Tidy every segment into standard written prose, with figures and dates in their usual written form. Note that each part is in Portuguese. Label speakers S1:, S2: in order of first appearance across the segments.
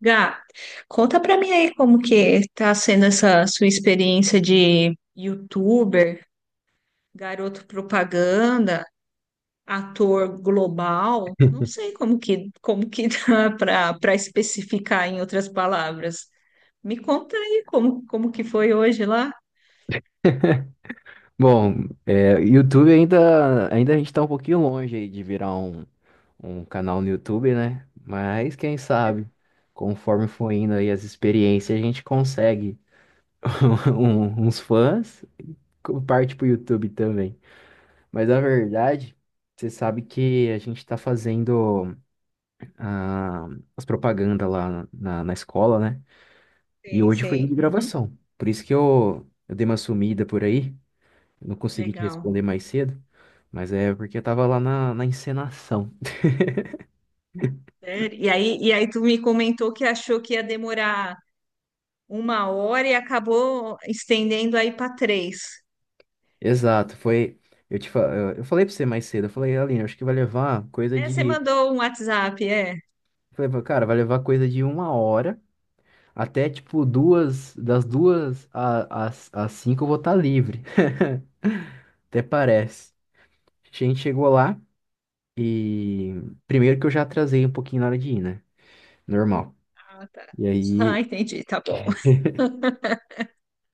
S1: Gá, conta pra mim aí como que tá sendo essa sua experiência de youtuber, garoto propaganda, ator global. Não sei como que dá pra para especificar em outras palavras. Me conta aí como que foi hoje lá?
S2: Bom, YouTube ainda a gente tá um pouquinho longe aí de virar um canal no YouTube, né? Mas quem sabe, conforme for indo aí as experiências, a gente consegue uns fãs, parte pro YouTube também. Mas na verdade, você sabe que a gente tá fazendo ah, as propagandas lá na escola, né? E
S1: Sei,
S2: hoje foi dia
S1: sei.
S2: de
S1: Uhum,
S2: gravação. Por isso que eu dei uma sumida por aí. Eu não consegui te
S1: legal.
S2: responder mais cedo, mas é porque eu tava lá na encenação.
S1: Sério? E aí tu me comentou que achou que ia demorar uma hora e acabou estendendo aí para três.
S2: Exato, foi. Eu te, fa- eu falei pra você mais cedo, eu falei, Aline, acho que vai levar coisa
S1: É, você
S2: de. Eu
S1: mandou um WhatsApp, é?
S2: Falei, cara, vai levar coisa de uma hora até tipo duas, das duas às cinco eu vou estar livre. Até parece. A gente chegou lá e primeiro que eu já atrasei um pouquinho na hora de ir, né? Normal.
S1: Ah, tá.
S2: E aí
S1: Ah, entendi, tá bom.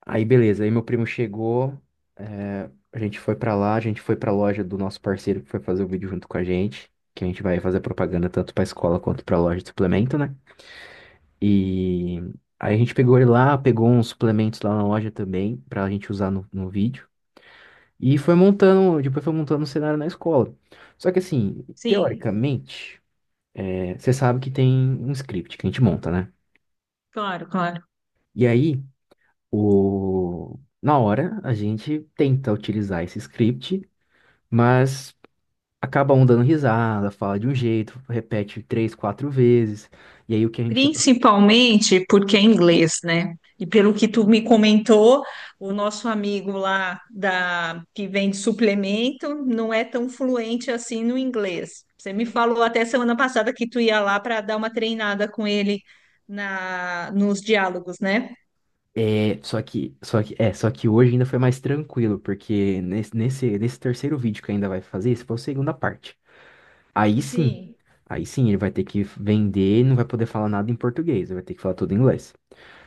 S2: Aí beleza, aí meu primo chegou, a gente foi pra lá, a gente foi pra loja do nosso parceiro que foi fazer o vídeo junto com a gente, que a gente vai fazer propaganda tanto pra escola quanto pra loja de suplemento, né? E aí a gente pegou ele lá, pegou uns suplementos lá na loja também, pra gente usar no vídeo, e foi montando, depois foi montando um cenário na escola. Só que assim,
S1: Sim,
S2: teoricamente, você sabe que tem um script que a gente monta, né?
S1: claro, claro.
S2: E aí, na hora, a gente tenta utilizar esse script. Mas acaba um dando risada, fala de um jeito, repete três, quatro vezes. E aí o que a gente
S1: Principalmente porque é inglês, né? E pelo que tu me comentou, o nosso amigo lá da que vende suplemento não é tão fluente assim no inglês. Você me falou até semana passada que tu ia lá para dar uma treinada com ele na nos diálogos, né?
S2: é, só que, é, só que hoje ainda foi mais tranquilo, porque nesse terceiro vídeo que ainda vai fazer, esse foi a segunda parte. Aí sim,
S1: Sim.
S2: aí sim, ele vai ter que vender, e não vai poder falar nada em português, ele vai ter que falar tudo em inglês.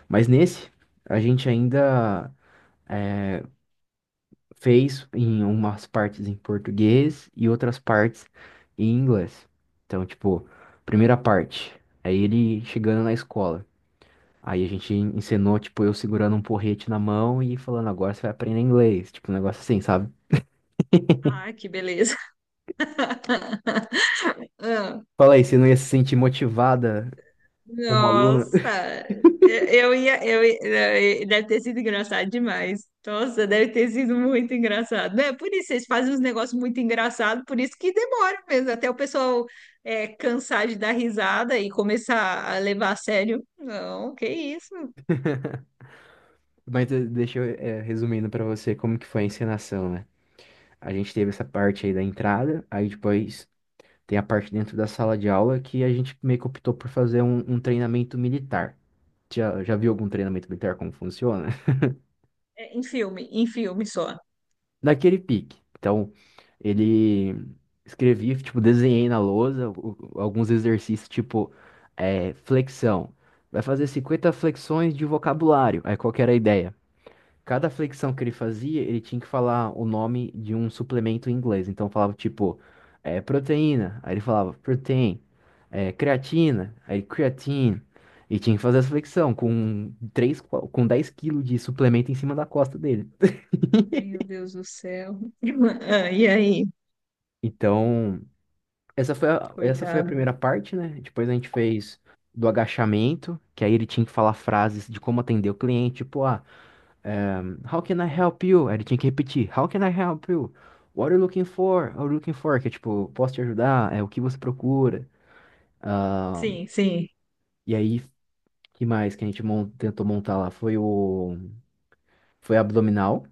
S2: Mas nesse, a gente ainda é, fez em umas partes em português e outras partes em inglês. Então, tipo, primeira parte, é ele chegando na escola. Aí a gente ensinou, tipo, eu segurando um porrete na mão e falando, agora você vai aprender inglês. Tipo, um negócio assim, sabe?
S1: Ah, que beleza. Ah,
S2: Fala aí, você não ia se sentir motivada como aluna?
S1: Nossa, eu ia, deve ter sido engraçado demais. Nossa, deve ter sido muito engraçado. É por isso, eles fazem uns negócios muito engraçados, por isso que demora mesmo, até o pessoal cansar de dar risada e começar a levar a sério. Não, que isso?
S2: Mas deixa eu, resumindo pra você como que foi a encenação, né? A gente teve essa parte aí da entrada, aí depois tem a parte dentro da sala de aula que a gente meio que optou por fazer um treinamento militar. Já viu algum treinamento militar como funciona?
S1: É, em filme só.
S2: Daquele pique. Então, ele escrevi, tipo, desenhei na lousa o- alguns exercícios, tipo, flexão. Vai fazer 50 flexões de vocabulário. Aí qual que era a ideia? Cada flexão que ele fazia, ele tinha que falar o nome de um suplemento em inglês. Então falava tipo, proteína. Aí ele falava protein, creatina, aí creatine. E tinha que fazer essa flexão com 10 quilos de suplemento em cima da costa dele.
S1: Meu Deus do céu. Ah, e aí?
S2: Então, essa foi a
S1: Coitado.
S2: primeira parte, né? Depois a gente fez do agachamento, que aí ele tinha que falar frases de como atender o cliente, tipo, ah. How can I help you? Aí ele tinha que repetir. How can I help you? What are you looking for? What are you looking for? Que é tipo, posso te ajudar? É o que você procura? Ah,
S1: Sim, sim.
S2: e aí, que mais que a gente tentou montar lá? Foi abdominal,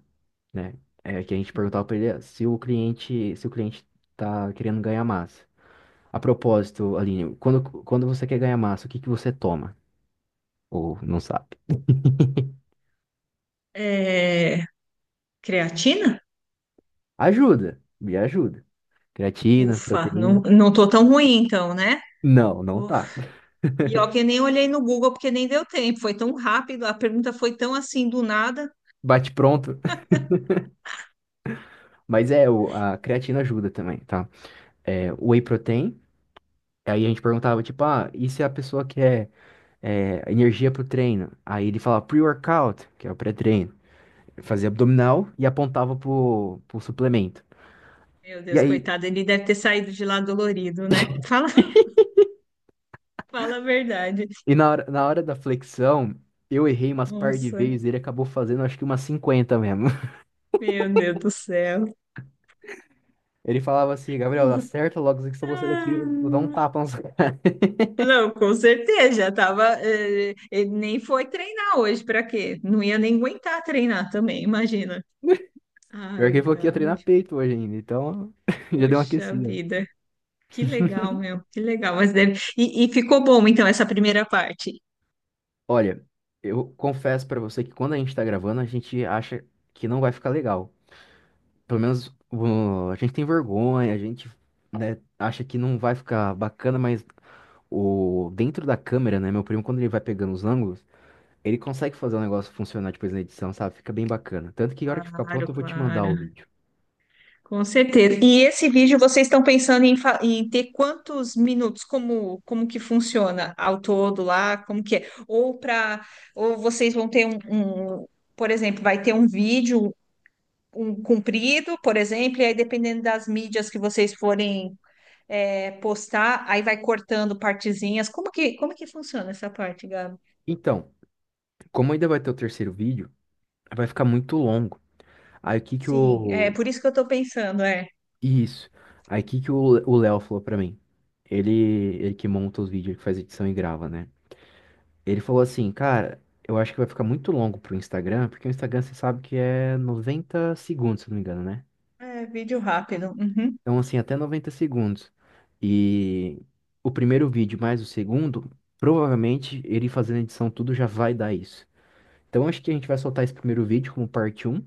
S2: né? É, que a gente perguntava pra ele se o cliente tá querendo ganhar massa. A propósito, Aline, quando você quer ganhar massa, o que que você toma? Ou não sabe?
S1: É, creatina?
S2: Ajuda, me ajuda. Creatina,
S1: Ufa, não,
S2: proteína.
S1: não tô tão ruim então, né?
S2: Não, não tá.
S1: E ó, que eu nem olhei no Google porque nem deu tempo. Foi tão rápido, a pergunta foi tão assim do nada.
S2: Bate pronto. Mas é, a creatina ajuda também, tá? É, o whey protein, aí a gente perguntava, tipo, ah, e se a pessoa quer energia pro treino? Aí ele falava pre-workout, que é o pré-treino. Ele fazia abdominal e apontava pro suplemento.
S1: Meu
S2: E
S1: Deus,
S2: aí,
S1: coitado, ele deve ter saído de lá dolorido, né? Fala, fala a verdade.
S2: e na hora da flexão, eu errei umas par de
S1: Nossa,
S2: vezes, ele acabou fazendo acho que umas 50 mesmo.
S1: meu Deus do céu.
S2: Ele falava assim, Gabriel, acerta logo isso que se você daqui, eu vou dar um
S1: Ah,
S2: tapa na sua cara.
S1: não, com certeza, já tava. Ele nem foi treinar hoje, pra quê? Não ia nem aguentar treinar também, imagina.
S2: Pior
S1: Ai,
S2: que ele falou que ia
S1: cara,
S2: treinar peito hoje ainda, então já deu uma
S1: poxa
S2: aquecida.
S1: vida. Que legal, meu, que legal. Mas deve, e ficou bom, então, essa primeira parte.
S2: Olha, eu confesso pra você que quando a gente tá gravando, a gente acha que não vai ficar legal. Pelo menos a gente tem vergonha, a gente, né, acha que não vai ficar bacana, mas o dentro da câmera, né, meu primo, quando ele vai pegando os ângulos, ele consegue fazer o negócio funcionar depois na edição, sabe? Fica bem bacana. Tanto que a hora que ficar
S1: Claro,
S2: pronto, eu vou te mandar o
S1: claro.
S2: vídeo.
S1: Com certeza. E esse vídeo vocês estão pensando em, em ter quantos minutos? Como, como que funciona ao todo lá? Como que é? Ou vocês vão ter um, por exemplo, vai ter um vídeo um comprido, por exemplo, e aí dependendo das mídias que vocês forem postar, aí vai cortando partezinhas. Como que funciona essa parte, Gabi?
S2: Então, como ainda vai ter o terceiro vídeo, vai ficar muito longo. Aí o que que
S1: Sim, é
S2: eu,
S1: por isso que eu estou pensando, é,
S2: Isso. Aí que o Léo falou pra mim? Ele que monta os vídeos, ele que faz edição e grava, né? Ele falou assim, cara, eu acho que vai ficar muito longo pro Instagram, porque o Instagram você sabe que é 90 segundos, se não me engano, né?
S1: é vídeo rápido. Uhum.
S2: Então, assim, até 90 segundos. E o primeiro vídeo mais o segundo, provavelmente ele fazendo edição tudo já vai dar isso. Então, acho que a gente vai soltar esse primeiro vídeo como parte um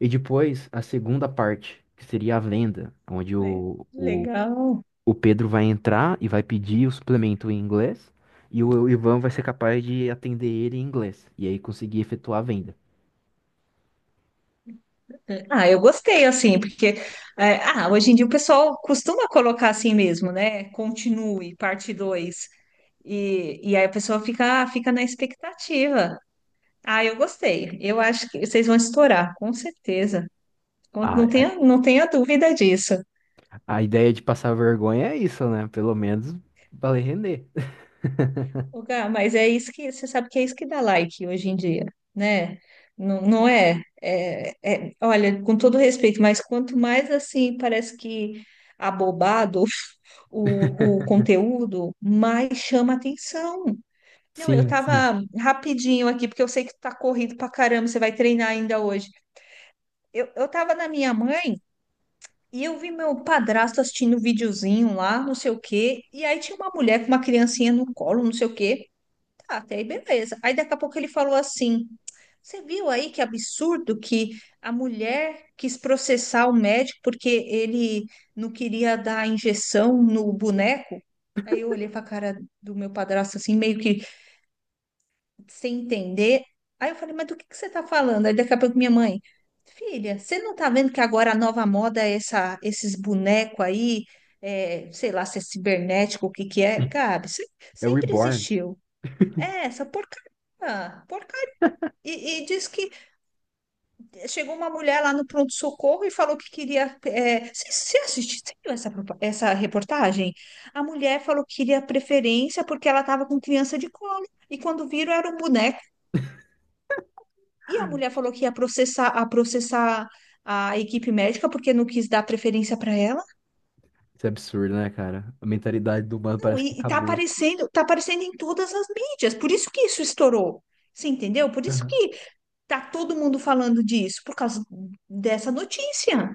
S2: e depois a segunda parte, que seria a venda, onde
S1: Le-
S2: o, o
S1: Legal.
S2: o Pedro vai entrar e vai pedir o suplemento em inglês, e o Ivan vai ser capaz de atender ele em inglês, e aí conseguir efetuar a venda.
S1: Ah, eu gostei, assim, porque é, ah, hoje em dia o pessoal costuma colocar assim mesmo, né? Continue, parte dois. E aí a pessoa fica, fica na expectativa. Ah, eu gostei. Eu acho que vocês vão estourar, com certeza.
S2: A,
S1: Não
S2: a,
S1: tenha, não tenha dúvida disso.
S2: a ideia de passar vergonha é isso, né? Pelo menos vai render.
S1: Ô, Gá, mas é isso, que você sabe que é isso que dá like hoje em dia, né? Não, olha, com todo respeito, mas quanto mais assim parece que abobado o conteúdo, mais chama atenção. Não, eu
S2: Sim, sim.
S1: tava rapidinho aqui, porque eu sei que tu tá corrido pra caramba, você vai treinar ainda hoje. Eu tava na minha mãe e eu vi meu padrasto assistindo um videozinho lá, não sei o quê, e aí tinha uma mulher com uma criancinha no colo, não sei o quê. Tá, até aí beleza. Aí daqui a pouco ele falou assim: você viu aí que absurdo que a mulher quis processar o médico porque ele não queria dar injeção no boneco? Aí eu olhei para a cara do meu padrasto assim, meio que sem entender. Aí eu falei: mas do que você tá falando? Aí daqui a pouco minha mãe: filha, você não tá vendo que agora a nova moda é essa, esses bonecos aí? É, sei lá se é cibernético, o que que é? Gabi, se-
S2: É o
S1: sempre
S2: Reborn.
S1: existiu. É, essa porcaria. Por E, e diz que chegou uma mulher lá no pronto-socorro e falou que queria. É, você viu essa, essa reportagem? A mulher falou que queria preferência porque ela estava com criança de colo. E quando viram, era um boneco. E a mulher falou que ia processar a equipe médica porque não quis dar preferência para ela.
S2: Isso é absurdo, né, cara? A mentalidade do humano
S1: Não,
S2: parece que
S1: e
S2: acabou.
S1: tá aparecendo em todas as mídias. Por isso que isso estourou. Você entendeu? Por isso
S2: Aham.
S1: que tá todo mundo falando disso, por causa dessa notícia.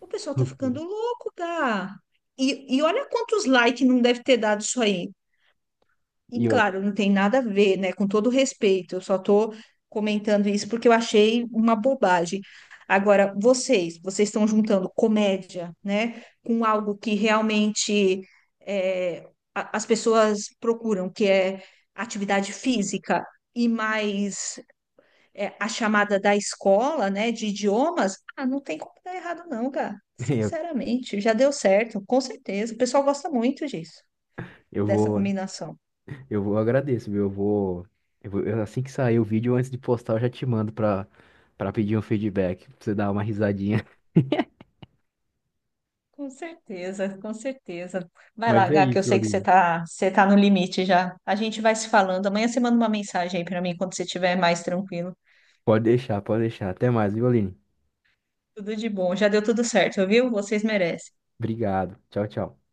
S1: O
S2: Que
S1: pessoal tá
S2: loucura.
S1: ficando louco, cara. E olha quantos likes não deve ter dado isso aí. E
S2: E eu,
S1: claro, não tem nada a ver, né? Com todo respeito, eu só tô comentando isso porque eu achei uma bobagem. Agora, vocês estão juntando comédia, né? Com algo que realmente é, as pessoas procuram, que é atividade física e mais é, a chamada da escola, né, de idiomas, ah, não tem como dar errado não, cara.
S2: eu,
S1: Sinceramente, já deu certo, com certeza. O pessoal gosta muito disso,
S2: eu
S1: dessa
S2: vou,
S1: combinação.
S2: eu agradeço, viu? Assim que sair o vídeo, antes de postar, eu já te mando pra pedir um feedback, pra você dar uma risadinha.
S1: Com certeza, com certeza. Vai lá,
S2: Mas é
S1: Gá, que eu
S2: isso,
S1: sei que
S2: Olívio.
S1: você tá no limite já. A gente vai se falando. Amanhã você manda uma mensagem aí pra mim quando você estiver mais tranquilo.
S2: Pode deixar, pode deixar. Até mais, viu, Aline?
S1: Tudo de bom. Já deu tudo certo, viu? Vocês merecem.
S2: Obrigado. Tchau, tchau.